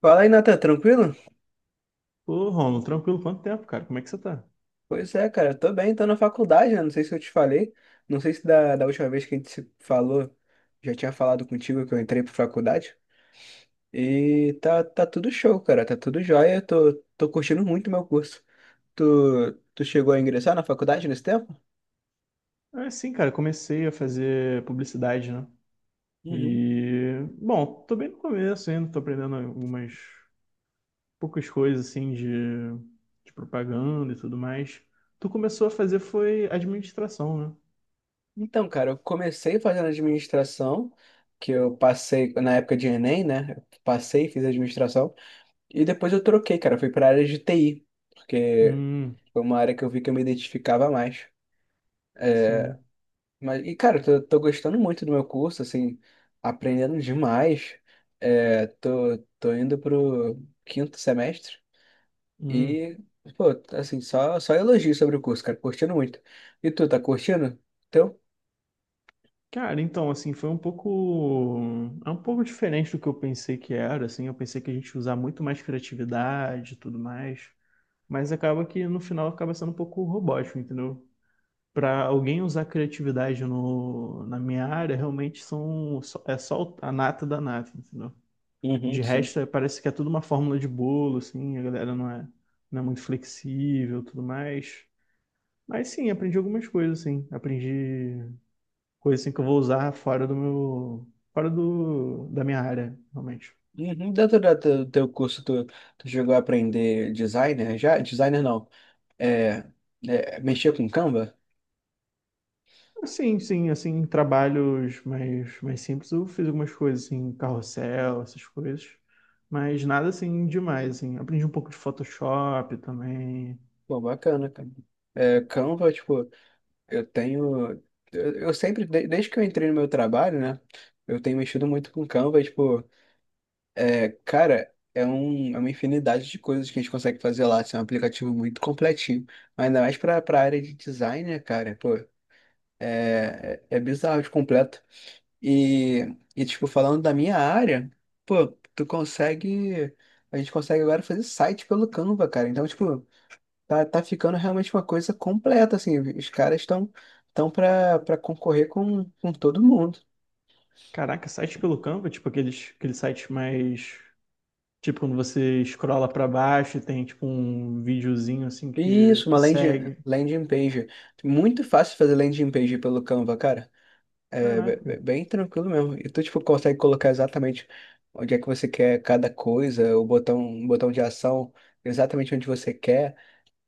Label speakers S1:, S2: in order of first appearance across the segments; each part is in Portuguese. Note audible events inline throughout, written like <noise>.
S1: Fala aí, Nathan, tranquilo?
S2: Ô, Romulo, tranquilo, quanto tempo, cara? Como é que você tá?
S1: Pois é, cara, eu tô bem, tô na faculdade, né? Não sei se eu te falei, não sei se da última vez que a gente se falou, já tinha falado contigo que eu entrei pra faculdade. E tá tudo show, cara, tá tudo jóia, eu tô curtindo muito meu curso. Tu chegou a ingressar na faculdade nesse tempo?
S2: É, sim, cara, comecei a fazer publicidade, né?
S1: Uhum.
S2: E, bom, tô bem no começo ainda, tô aprendendo algumas poucas coisas, assim, de propaganda e tudo mais. Tu começou a fazer foi administração, né?
S1: Então, cara, eu comecei fazendo administração, que eu passei na época de Enem, né? Eu passei, e fiz administração, e depois eu troquei, cara, eu fui pra área de TI. Porque
S2: Hum,
S1: Foi uma área que eu vi que eu me identificava mais.
S2: sim.
S1: Mas, cara, eu tô gostando muito do meu curso, assim, aprendendo demais. É, tô indo pro quinto semestre
S2: Hum.
S1: e, pô, assim, só elogio sobre o curso, cara, curtindo muito. E tu, tá curtindo? Teu?
S2: Cara, então, assim, foi um pouco. É um pouco diferente do que eu pensei que era, assim. Eu pensei que a gente ia usar muito mais criatividade e tudo mais. Mas acaba que no final acaba sendo um pouco robótico, entendeu? Para alguém usar criatividade no, na minha área, realmente são, é só a nata da nata, entendeu?
S1: Uhum,
S2: De
S1: sim.
S2: resto, parece que é tudo uma fórmula de bolo, assim, a galera não é muito flexível, tudo mais. Mas sim, aprendi algumas coisas, assim. Aprendi coisas assim, que eu vou usar fora do meu, da minha área, realmente.
S1: Uhum. Dentro do teu curso, tu chegou a aprender designer já? Designer não. É, mexer com Canva?
S2: Sim, sim, assim, em trabalhos mais simples, eu fiz algumas coisas, assim, carrossel, essas coisas, mas nada, assim, demais, assim, aprendi um pouco de Photoshop também,
S1: Pô, bacana, cara. Canva, tipo. Eu tenho. Eu sempre, desde que eu entrei no meu trabalho, né? Eu tenho mexido muito com Canva, tipo, cara, é uma infinidade de coisas que a gente consegue fazer lá. Assim, é um aplicativo muito completinho. Mas ainda mais pra área de design, né, cara? Pô, é bizarro de completo. E, tipo, falando da minha área, pô, tu consegue. A gente consegue agora fazer site pelo Canva, cara. Então, tipo. Tá ficando realmente uma coisa completa, assim. Os caras estão tão para concorrer com todo mundo.
S2: caraca, site pelo Canva, tipo, aqueles sites mais, tipo, quando você escrola pra baixo e tem, tipo, um videozinho, assim,
S1: Isso, uma
S2: que
S1: landing,
S2: segue,
S1: landing page. Muito fácil fazer landing page pelo Canva, cara. É
S2: caraca,
S1: bem tranquilo mesmo. E tu, tipo, consegue colocar exatamente onde é que você quer cada coisa, o botão de ação exatamente onde você quer.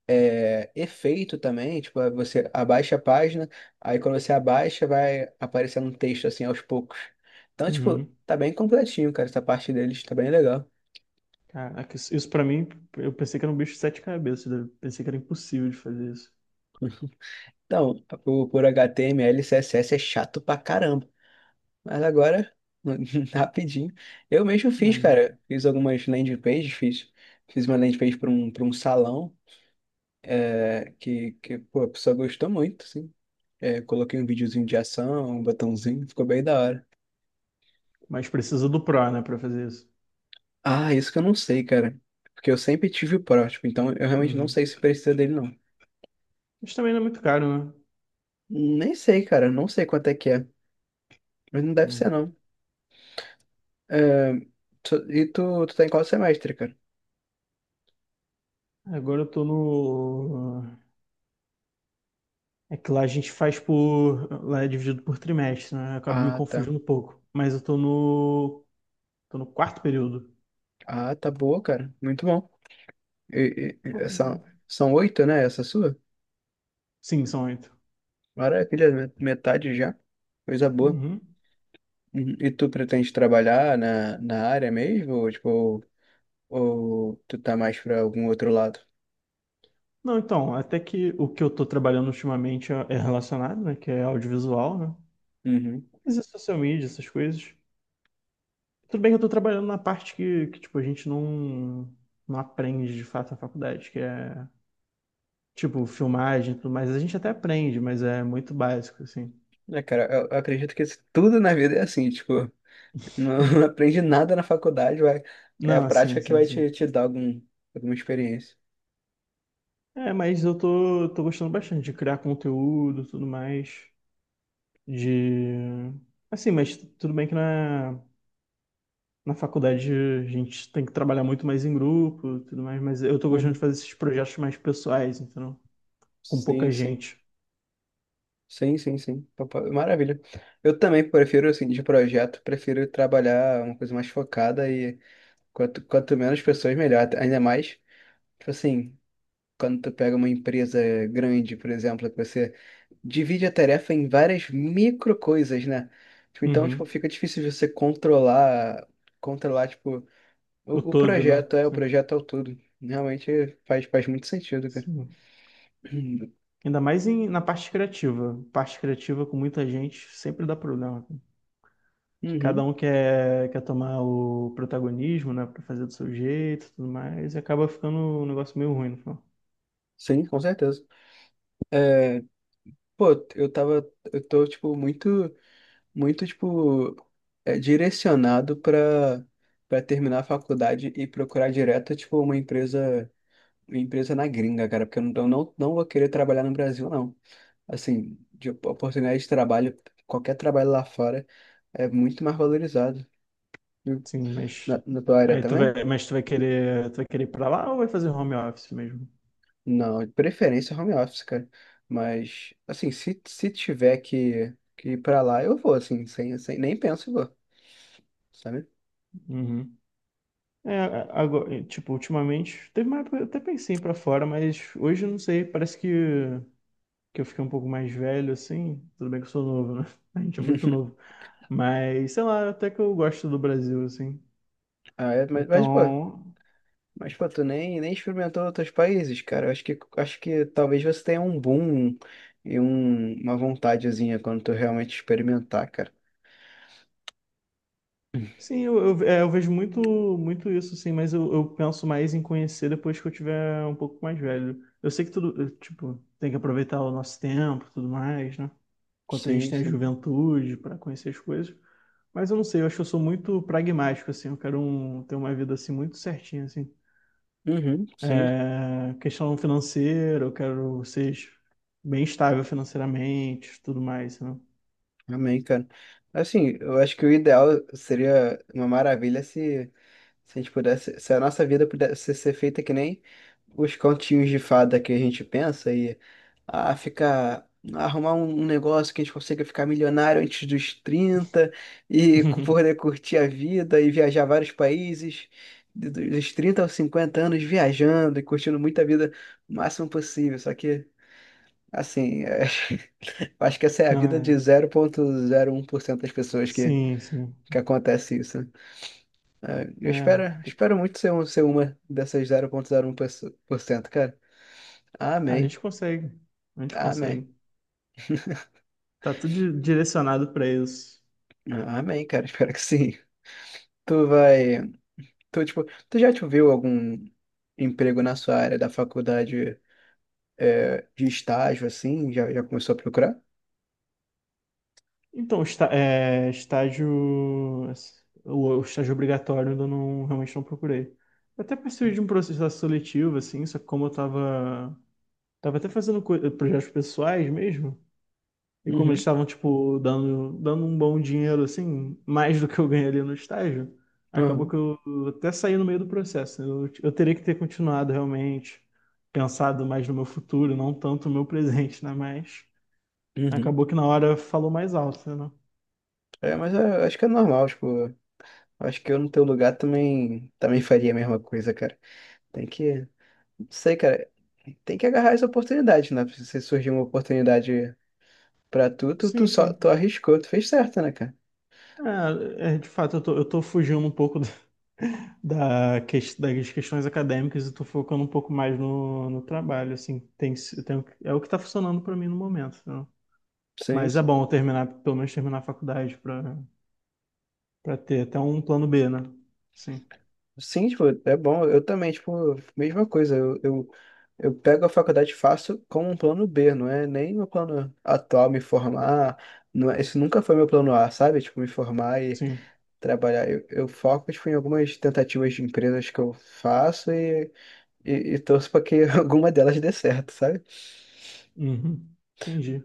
S1: Efeito também, tipo, você abaixa a página, aí quando você abaixa vai aparecendo um texto assim aos poucos. Então, tipo,
S2: uhum.
S1: tá bem completinho, cara, essa parte deles tá bem legal.
S2: Caraca, isso pra mim, eu pensei que era um bicho de sete cabeças, né? Pensei que era impossível de fazer isso,
S1: Então, por HTML, CSS é chato pra caramba, mas agora, <laughs> rapidinho, eu mesmo fiz,
S2: mas,
S1: cara, fiz algumas landing pages, fiz uma landing page para um salão, pô, a pessoa gostou muito, assim. Coloquei um videozinho de ação, um botãozinho, ficou bem da hora.
S2: mas precisa do Pro, né, pra fazer isso.
S1: Ah, isso que eu não sei, cara. Porque eu sempre tive o prótipo, então eu realmente não
S2: Uhum.
S1: sei se precisa dele, não.
S2: Mas também não é muito caro, né?
S1: Nem sei, cara. Não sei quanto é que é. Mas não deve ser,
S2: Hum.
S1: não. É, E tu tá em qual semestre, cara?
S2: Agora eu tô no. É que lá a gente faz por. Lá é dividido por trimestre, né? Eu acabo me
S1: Ah, tá.
S2: confundindo um pouco. Mas eu tô no. Tô no quarto período.
S1: Ah, tá boa, cara. Muito bom. E, e- e- é, são, são oito, né? Essa sua?
S2: Sim, são oito.
S1: Maravilha, metade já. Coisa boa.
S2: Uhum.
S1: Uhum. E tu pretende trabalhar na área mesmo? Ou, tipo, tu tá mais pra algum outro lado?
S2: Não, então, até que o que eu tô trabalhando ultimamente é relacionado, né? Que é audiovisual, né?
S1: Uhum.
S2: Mas é social media, essas coisas. Tudo bem que eu tô trabalhando na parte que tipo, a gente não, não aprende de fato na faculdade, que é tipo, filmagem e tudo mais, a gente até aprende, mas é muito básico, assim.
S1: Cara, eu acredito que tudo na vida é assim, tipo, não <laughs> aprende nada na faculdade, vai. É a
S2: Não, sim,
S1: prática que
S2: sim,
S1: vai
S2: sim.
S1: te dar alguma experiência.
S2: É, mas eu tô gostando bastante de criar conteúdo, tudo mais, de... Assim, mas tudo bem que na faculdade a gente tem que trabalhar muito mais em grupo, tudo mais, mas eu tô gostando de
S1: Uhum.
S2: fazer esses projetos mais pessoais, entendeu? Com
S1: Sim,
S2: pouca
S1: sim.
S2: gente.
S1: Sim, sim, sim. Maravilha. Eu também prefiro, assim, de projeto, prefiro trabalhar uma coisa mais focada e quanto menos pessoas, melhor. Ainda mais, tipo assim, quando tu pega uma empresa grande, por exemplo, que você divide a tarefa em várias micro coisas, né? Tipo, então, tipo,
S2: Uhum.
S1: fica difícil de você controlar, tipo,
S2: O
S1: o
S2: todo, né?
S1: projeto, o
S2: Sim.
S1: projeto ao todo. Realmente faz muito sentido, cara.
S2: Sim.
S1: <clears throat>
S2: Ainda mais na parte criativa. Parte criativa com muita gente sempre dá problema. Que cada
S1: Uhum.
S2: um quer tomar o protagonismo, né, para fazer do seu jeito, e tudo mais, e acaba ficando um negócio meio ruim no final.
S1: Sim, com certeza. Pô, eu tô, tipo, muito, muito, tipo, direcionado pra terminar a faculdade e procurar direto, tipo, uma empresa na gringa, cara, porque eu não, não vou querer trabalhar no Brasil, não. Assim, de oportunidade de trabalho, qualquer trabalho lá fora é muito mais valorizado. E
S2: Sim, mas
S1: na tua área
S2: aí tu
S1: também?
S2: vai, mas tu vai querer ir para lá ou vai fazer home office mesmo?
S1: Não, de preferência home office, cara. Mas, assim, se tiver que ir pra lá, eu vou, assim, sem, sem, nem penso e vou, sabe?
S2: Uhum. É, agora, tipo, ultimamente, teve uma época, que eu até pensei em ir para fora, mas hoje eu não sei, parece que eu fiquei um pouco mais velho assim, tudo bem que eu sou novo, né? <laughs> A gente é muito novo, mas sei lá, até que eu gosto do Brasil assim.
S1: Ah,
S2: Então,
S1: mas, pô, tu nem experimentou outros países, cara. Acho que talvez você tenha um boom e uma vontadezinha quando tu realmente experimentar, cara.
S2: sim, eu vejo muito isso, sim, mas eu penso mais em conhecer depois que eu tiver um pouco mais velho. Eu sei que tudo, eu, tipo, tem que aproveitar o nosso tempo, e tudo mais, né? Enquanto a gente
S1: Sim,
S2: tem a
S1: sim.
S2: juventude para conhecer as coisas. Mas eu não sei, eu acho que eu sou muito pragmático, assim. Eu quero ter uma vida, assim, muito certinha, assim.
S1: Uhum, sim.
S2: É, questão financeira, eu quero ser bem estável financeiramente, tudo mais, né?
S1: Amém, cara. Assim, eu acho que o ideal seria uma maravilha se a gente pudesse, se a nossa vida pudesse ser feita que nem os continhos de fada que a gente pensa e ficar arrumar um negócio que a gente consiga ficar milionário antes dos 30 e poder
S2: <laughs>
S1: curtir a vida e viajar vários países dos 30 aos 50 anos viajando e curtindo muita vida o máximo possível. Só que assim, <laughs> acho que essa é a
S2: Não
S1: vida de
S2: é?
S1: 0,01% das pessoas que
S2: Sim, sim.
S1: que acontece isso. Eu espero,
S2: É.
S1: espero muito ser, ser uma dessas 0,01%, cara.
S2: Ah, a
S1: Amém.
S2: gente consegue. A gente
S1: Amém.
S2: consegue. Tá tudo direcionado para isso.
S1: Amém, cara. <laughs> Espero que sim. Tu vai. Tu, tipo, tu já te viu algum emprego na sua área da faculdade, de estágio, assim? Já começou a procurar?
S2: Então, está, é, estágio. O estágio obrigatório eu ainda não, realmente não procurei. Eu até participei de um processo seletivo, assim, só que como eu tava. Tava até fazendo projetos pessoais mesmo. E como eles
S1: Uhum,
S2: estavam, tipo, dando um bom dinheiro, assim, mais do que eu ganhei ali no estágio, acabou
S1: uhum,
S2: que eu até saí no meio do processo. Né? Eu teria que ter continuado realmente, pensado mais no meu futuro, não tanto no meu presente, né? Mas
S1: uhum.
S2: acabou que na hora falou mais alto, né?
S1: Mas eu acho que é normal, tipo, acho que eu no teu lugar também faria a mesma coisa, cara. Tem que, não sei, cara, tem que agarrar as oportunidades, né? Se surgir uma oportunidade pra tu
S2: Sim,
S1: só, tu
S2: sim.
S1: arriscou, tu fez certo, né, cara?
S2: De fato, eu tô fugindo um pouco <laughs> da das questões acadêmicas e tô focando um pouco mais no trabalho, assim. Tem, é o que tá funcionando pra mim no momento, né?
S1: Sim,
S2: Mas é
S1: sim.
S2: bom eu terminar, pelo menos terminar a faculdade para ter até um plano B, né? Sim,
S1: Sim, tipo, é bom, eu também, tipo, mesma coisa, eu pego a faculdade e faço como um plano B, não é nem meu plano atual me formar, não é, esse nunca foi meu plano A, sabe? Tipo, me formar
S2: sim.
S1: trabalhar. Eu foco, tipo, em algumas tentativas de empresas que eu faço e, e torço para que <laughs> alguma delas dê certo, sabe?
S2: Uhum. Entendi.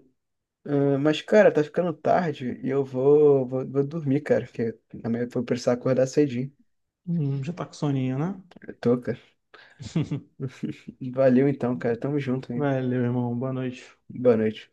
S1: Ah, mas, cara, tá ficando tarde e eu vou dormir, cara, porque amanhã eu vou precisar acordar cedinho.
S2: Já tá com soninho, né?
S1: Eu tô, cara.
S2: <laughs>
S1: Valeu então, cara. Tamo junto, hein?
S2: Valeu, irmão. Boa noite.
S1: Boa noite.